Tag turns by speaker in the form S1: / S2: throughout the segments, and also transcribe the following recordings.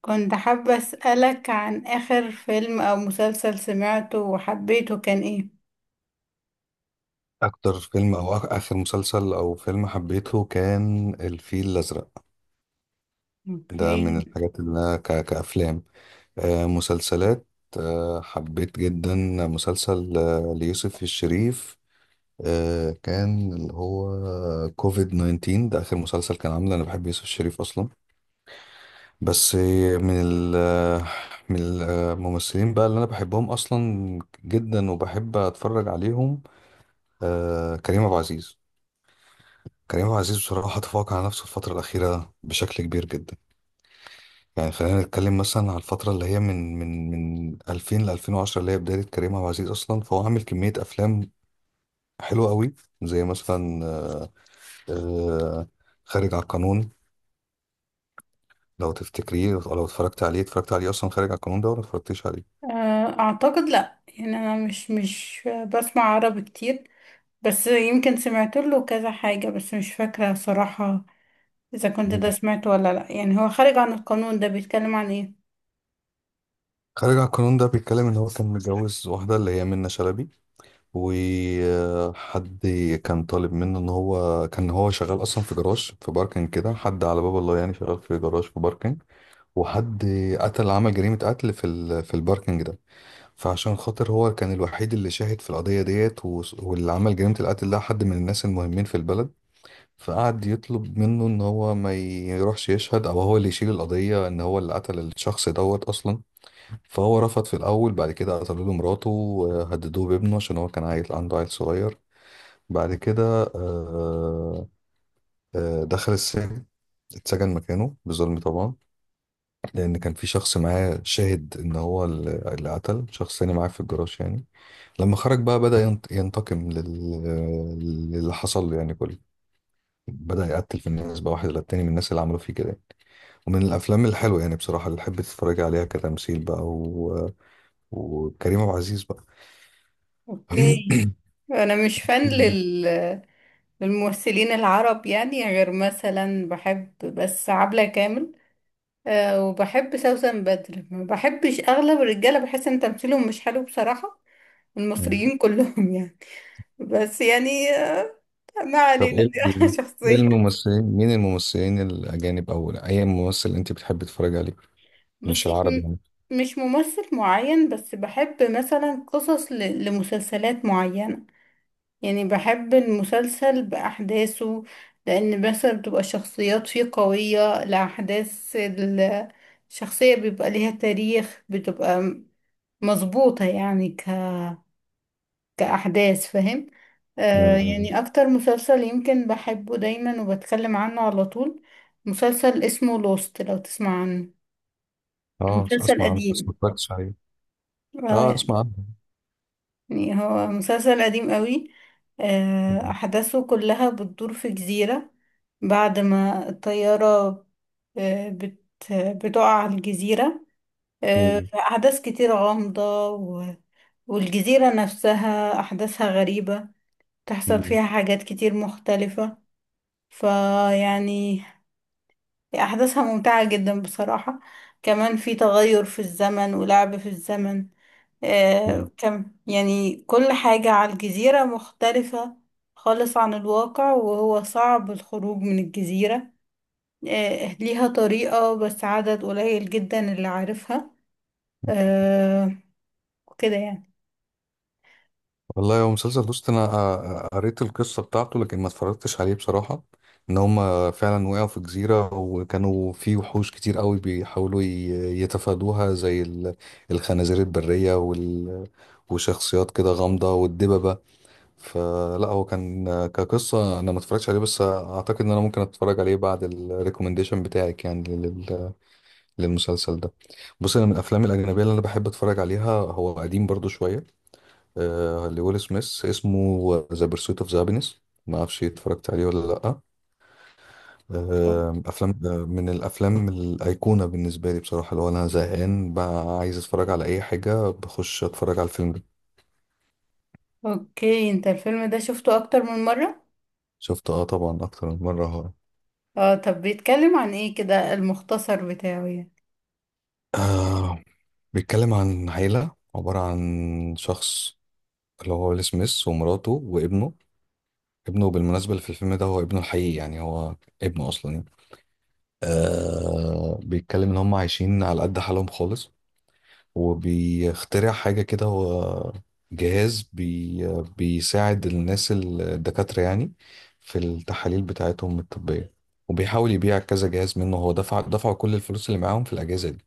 S1: كنت حابة أسألك عن آخر فيلم أو مسلسل سمعته وحبيته كان إيه؟
S2: اكتر فيلم او اخر مسلسل او فيلم حبيته كان الفيل الازرق. ده من
S1: أوكي.
S2: الحاجات اللي انا كافلام. مسلسلات. حبيت جدا مسلسل ليوسف الشريف. كان اللي هو كوفيد 19. ده اخر مسلسل كان عامله، انا بحب يوسف الشريف اصلا. بس من ال من الممثلين بقى اللي انا بحبهم اصلا جدا، وبحب اتفرج عليهم. كريم عبد العزيز. كريم عبد العزيز بصراحة تفوق على نفسه الفترة الأخيرة بشكل كبير جدا. يعني خلينا نتكلم مثلا على الفترة اللي هي من 2000 ل 2010، اللي هي بداية كريم عبد العزيز أصلا، فهو عامل كمية أفلام حلوة قوي، زي مثلا آه، خارج على القانون. لو تفتكريه، لو اتفرجت عليه، اتفرجت عليه أصلا خارج على القانون ده ولا اتفرجتيش عليه؟
S1: أعتقد لأ. يعني أنا مش بسمع عربي كتير، بس يمكن سمعت له كذا حاجة، بس مش فاكرة صراحة إذا كنت ده
S2: مم.
S1: سمعته ولا لأ. يعني هو خارج عن القانون ده بيتكلم عن إيه؟
S2: خارج على القانون ده بيتكلم إن هو كان متجوز واحدة اللي هي منة شلبي، وحد كان طالب منه ان هو كان هو شغال اصلا في جراج، في باركنج كده، حد على باب الله يعني، شغال في جراج في باركنج. وحد قتل، عمل جريمة قتل في في الباركنج ده. فعشان خاطر هو كان الوحيد اللي شاهد في القضية ديت واللي عمل جريمة القتل ده حد من الناس المهمين في البلد. فقعد يطلب منه ان هو ما يروحش يشهد او هو اللي يشيل القضية ان هو اللي قتل الشخص دوت اصلا. فهو رفض في الاول، بعد كده قتلوا له مراته وهددوه بابنه عشان هو كان عيل عنده، عيل صغير. بعد كده آه، دخل السجن. اتسجن مكانه بظلم طبعا، لان كان في شخص معاه شاهد ان هو اللي قتل شخص تاني معاه في الجراج يعني. لما خرج بقى بدأ ينتقم للي حصل له يعني، كله. بدأ يقتل في الناس بقى واحد للتاني من الناس اللي عملوا فيه كده. ومن الافلام الحلوه يعني بصراحه اللي تحب تتفرج عليها كتمثيل بقى وكريم عبد العزيز بقى.
S1: أوكي. أنا مش فان للممثلين العرب يعني، غير مثلا بحب بس عبلة كامل، آه، وبحب سوسن بدر. ما بحبش اغلب الرجاله، بحس ان تمثيلهم مش حلو بصراحه، المصريين كلهم يعني. بس يعني ما
S2: طب
S1: علينا دي أنا
S2: إيه
S1: شخصيه.
S2: الممثلين، مين الممثلين الأجانب أو أي ممثل أنت بتحب تتفرج عليه، مش
S1: بصي،
S2: العربي يعني؟
S1: مش ممثل معين، بس بحب مثلا قصص لمسلسلات معينه. يعني بحب المسلسل باحداثه، لان مثلا بتبقى الشخصيات فيه قويه، الاحداث، الشخصيه بيبقى ليها تاريخ، بتبقى مظبوطه يعني كأحداث، فاهم؟
S2: مم.
S1: يعني أكتر مسلسل يمكن بحبه دايما وبتكلم عنه على طول، مسلسل اسمه لوست، لو تسمع عنه. هو
S2: اه
S1: مسلسل
S2: أسمع عنه بس ما
S1: قديم،
S2: اتفرجتش عليه. اه
S1: آه،
S2: أسمع عنه.
S1: يعني هو مسلسل قديم قوي. آه،
S2: مم.
S1: أحداثه كلها بتدور في جزيرة، بعد ما الطيارة آه، بت بتقع على الجزيرة.
S2: مم.
S1: أحداث كتير غامضة والجزيرة نفسها أحداثها غريبة، تحصل
S2: مم.
S1: فيها حاجات كتير مختلفة. فيعني أحداثها ممتعة جدا بصراحة. كمان في تغير في الزمن ولعب في الزمن.
S2: مم.
S1: آه كم، يعني كل حاجة على الجزيرة مختلفة خالص عن الواقع، وهو صعب الخروج من الجزيرة. آه، ليها طريقة، بس عدد قليل جدا اللي عارفها. آه، كده يعني.
S2: والله هو مسلسل دوست. أنا قريت القصة بتاعته لكن ما اتفرجتش عليه بصراحة. إن هما فعلا وقعوا في جزيرة وكانوا في وحوش كتير قوي بيحاولوا يتفادوها زي الخنازير البرية وشخصيات كده غامضة والدببة. فلا هو كان كقصة أنا ما اتفرجتش عليه، بس أعتقد إن أنا ممكن أتفرج عليه بعد الريكومنديشن بتاعك يعني للمسلسل ده. بص، أنا من الأفلام الأجنبية اللي أنا بحب أتفرج عليها، هو قديم برضو شوية. لويل سميث، اسمه ذا بيرسويت أوف ذا هابينس. ما أعرفش اتفرجت عليه ولا لأ. أفلام من الأفلام الأيقونة بالنسبة لي بصراحة، اللي هو أنا زهقان بقى عايز أتفرج على أي حاجة، بخش أتفرج على الفيلم ده.
S1: اوكي، انت الفيلم ده شفته اكتر من مرة؟
S2: شفته أه طبعا أكتر من مرة.
S1: اه، طب بيتكلم عن ايه كده، المختصر بتاعه يعني؟
S2: آه، بيتكلم عن عيلة عبارة عن شخص اللي هو ويل سميث ومراته وابنه. ابنه بالمناسبة اللي في الفيلم ده هو ابنه الحقيقي يعني، هو ابنه أصلا يعني. آه بيتكلم إن هم عايشين على قد حالهم خالص، وبيخترع حاجة كده، هو جهاز بيساعد الناس الدكاترة يعني في التحاليل بتاعتهم الطبية. وبيحاول يبيع كذا جهاز منه، هو دفعوا كل الفلوس اللي معاهم في الأجهزة دي.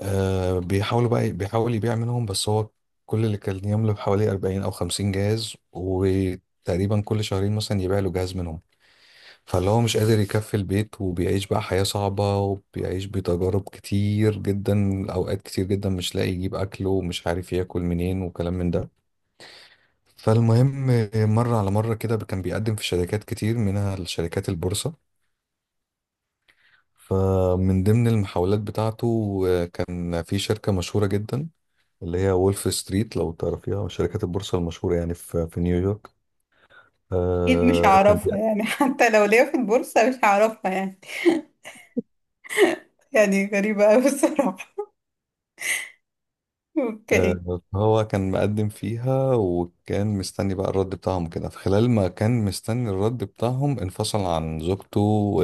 S2: آه بيحاول يبيع منهم، بس هو كل اللي كان يملك حوالي 40 او 50 جهاز، وتقريبا كل شهرين مثلا يبيع له جهاز منهم. فاللي هو مش قادر يكفي البيت وبيعيش بقى حياة صعبة، وبيعيش بتجارب كتير جدا، اوقات كتير جدا مش لاقي يجيب اكله ومش عارف ياكل منين وكلام من ده. فالمهم مرة على مرة كده كان بيقدم في شركات كتير منها الشركات البورصة. فمن ضمن المحاولات بتاعته كان في شركة مشهورة جدا اللي هي وولف ستريت، لو تعرفيها، شركات البورصة المشهورة يعني في نيويورك.
S1: اكيد مش
S2: آه كان بي-
S1: هعرفها يعني حتى لو ليا في البورصة مش هعرفها يعني يعني غريبة اوي الصراحة. اوكي.
S2: آه هو كان مقدم فيها، وكان مستني بقى الرد بتاعهم كده، في خلال ما كان مستني الرد بتاعهم انفصل عن زوجته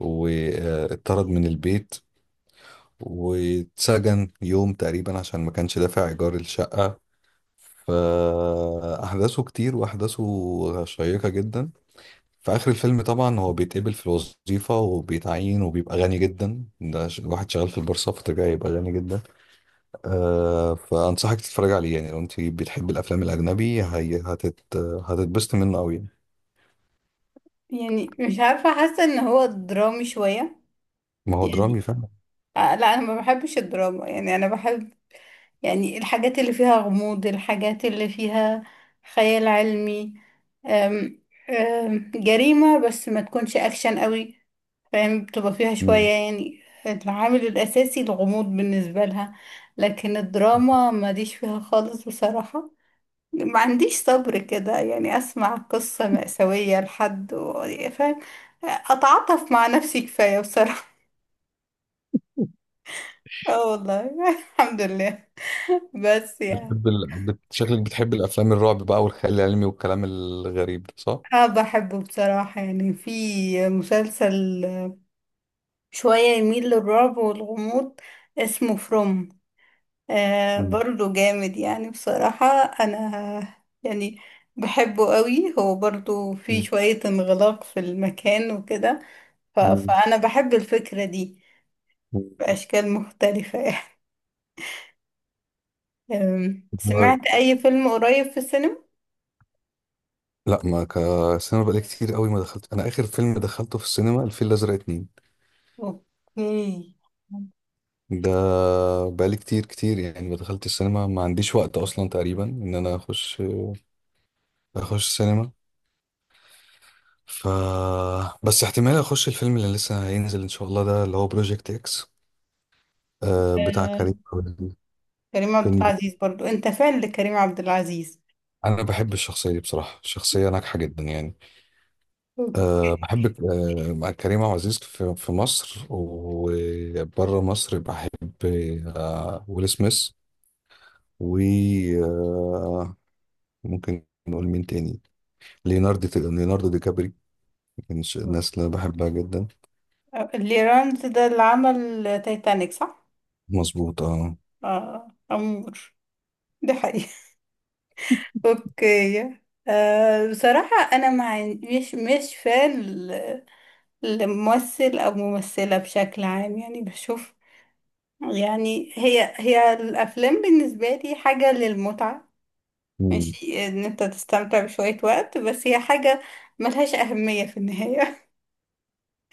S2: واتطرد من البيت، واتسجن يوم تقريبا عشان ما كانش دافع إيجار الشقة. فأحداثه كتير وأحداثه شيقة جدا. في آخر الفيلم طبعا هو بيتقبل في الوظيفة وبيتعين وبيبقى غني جدا، ده واحد شغال في البورصة فطبيعي يبقى غني جدا. آه فأنصحك تتفرج عليه يعني لو أنت بتحب الأفلام الأجنبي. هي هتت هتتبسط منه أوي يعني.
S1: يعني مش عارفة، حاسة ان هو درامي شوية
S2: ما هو درامي
S1: يعني.
S2: فعلا.
S1: لا انا ما بحبش الدراما يعني، انا بحب يعني الحاجات اللي فيها غموض، الحاجات اللي فيها خيال علمي، أم أم جريمة، بس ما تكونش اكشن قوي. فاهم؟ بتبقى فيها
S2: مم.
S1: شوية يعني العامل الاساسي الغموض بالنسبة لها. لكن الدراما ماليش فيها خالص بصراحة، ما عنديش صبر كده يعني اسمع قصة مأساوية لحد فاهم؟ اتعاطف مع نفسي كفاية بصراحة. اه والله الحمد لله. بس يعني
S2: بتحب شكلك بتحب الأفلام الرعب بقى والخيال العلمي والكلام الغريب ده، صح؟
S1: انا بحبه بصراحة. يعني في مسلسل شوية يميل للرعب والغموض اسمه فروم، آه،
S2: مم.
S1: برضو جامد يعني بصراحة. انا يعني بحبه قوي، هو برضو في
S2: مم.
S1: شوية انغلاق في المكان وكده.
S2: مم.
S1: فانا بحب الفكرة دي بأشكال مختلفة يعني.
S2: مم.
S1: سمعت أي فيلم قريب في السينما؟
S2: لا ما كسينما، بقالي كتير قوي ما دخلت. أنا آخر فيلم دخلته في السينما الفيل الأزرق اتنين
S1: أوكي.
S2: ده. بقالي كتير كتير يعني ما دخلت السينما، ما عنديش وقت اصلا تقريبا ان انا اخش السينما. ف بس احتمال اخش الفيلم اللي لسه هينزل ان شاء الله ده اللي هو بروجكت اكس، آه بتاع
S1: أه،
S2: كريم عبد العزيز.
S1: كريم عبد
S2: فيلم
S1: العزيز
S2: بت-
S1: برضو؟ أنت فان لكريم عبد العزيز؟
S2: انا بحب الشخصيه دي بصراحه، شخصيه ناجحه جدا يعني.
S1: أوكي.
S2: أه بحب مع كريم عبد العزيز في مصر وبره مصر، بحب أه ويل سميث. وممكن نقول مين تاني؟ ليوناردو، ليوناردو دي كابريو، كانش الناس اللي أنا بحبها جدا.
S1: أه، ليرانز ده اللي عمل تايتانيك، صح؟
S2: مظبوط اه.
S1: آه، أمور. دي حقيقة أوكي. أه بصراحة، أنا مع مش فان لممثل أو ممثلة بشكل عام. يعني بشوف، يعني هي الأفلام بالنسبة لي حاجة للمتعة.
S2: مم.
S1: ماشي ان انت تستمتع بشوية وقت، بس هي حاجة ملهاش أهمية في النهاية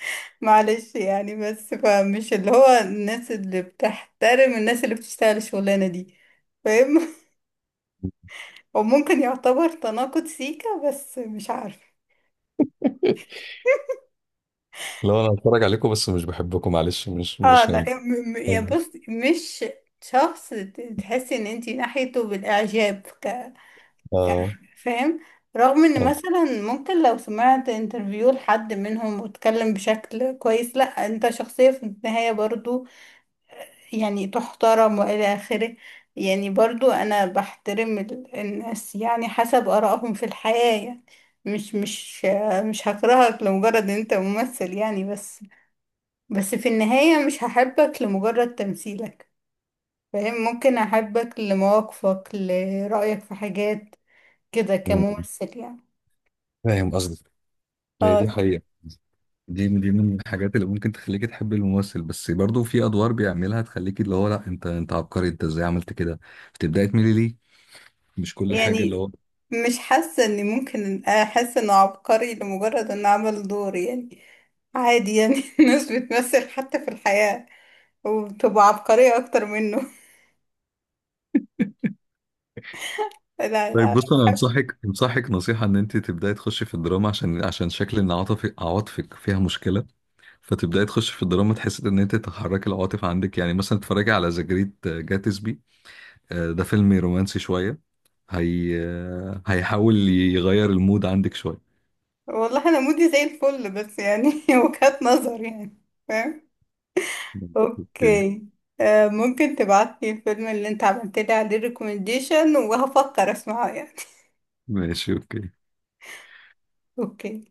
S1: معلش يعني. بس فمش اللي هو الناس اللي بتحترم الناس اللي بتشتغل الشغلانة دي، فاهم؟ وممكن يعتبر تناقض سيكا، بس مش عارفة
S2: لو انا هتفرج عليكم بس مش بحبكم معلش، مش
S1: اه
S2: مش
S1: لا،
S2: هينفع.
S1: يا
S2: طبعاً.
S1: بص، مش شخص تحسي ان انتي ناحيته بالاعجاب،
S2: اه.
S1: فاهم؟ رغم ان
S2: أيوة.
S1: مثلا ممكن لو سمعت انترفيو لحد منهم واتكلم بشكل كويس، لا انت شخصية في النهاية برضو يعني، تحترم والى اخره. يعني برضو انا بحترم الناس يعني حسب ارائهم في الحياة يعني. مش مش مش هكرهك لمجرد ان انت ممثل يعني، بس بس في النهاية مش هحبك لمجرد تمثيلك. فاهم؟ ممكن احبك لمواقفك، لرأيك في حاجات كده،
S2: مم.
S1: كممثل يعني.
S2: فاهم قصدك. هي
S1: آه،
S2: دي حقيقة. دي من الحاجات اللي ممكن تخليكي تحبي الممثل، بس برضو في ادوار بيعملها تخليكي اللي هو لا انت، انت عبقري، انت ازاي عملت كده، بتبداي تميلي ليه، مش كل حاجة اللي
S1: يعني
S2: هو.
S1: مش حاسة اني ممكن احس انه عبقري لمجرد انه عمل دور يعني. عادي يعني الناس بتمثل حتى في الحياة وبتبقى عبقرية اكتر منه لا
S2: طيب
S1: لا.
S2: بص انا انصحك نصيحة ان انت تبداي تخشي في الدراما، عشان شكل ان عاطفك عواطفك فيها مشكلة، فتبداي تخش في الدراما تحس ان انت تحركي العواطف عندك، يعني مثلا اتفرجي على ذا جريت جاتسبي، ده فيلم رومانسي شويه، هي هيحاول يغير المود عندك شويه.
S1: والله انا مودي زي الفل، بس يعني وجهات نظر يعني. فاهم؟
S2: اوكي.
S1: اوكي. آه، ممكن تبعتلي الفيلم اللي انت عملت لي عليه ريكومنديشن، وهفكر اسمعه يعني.
S2: ماشي. اوكي.
S1: اوكي.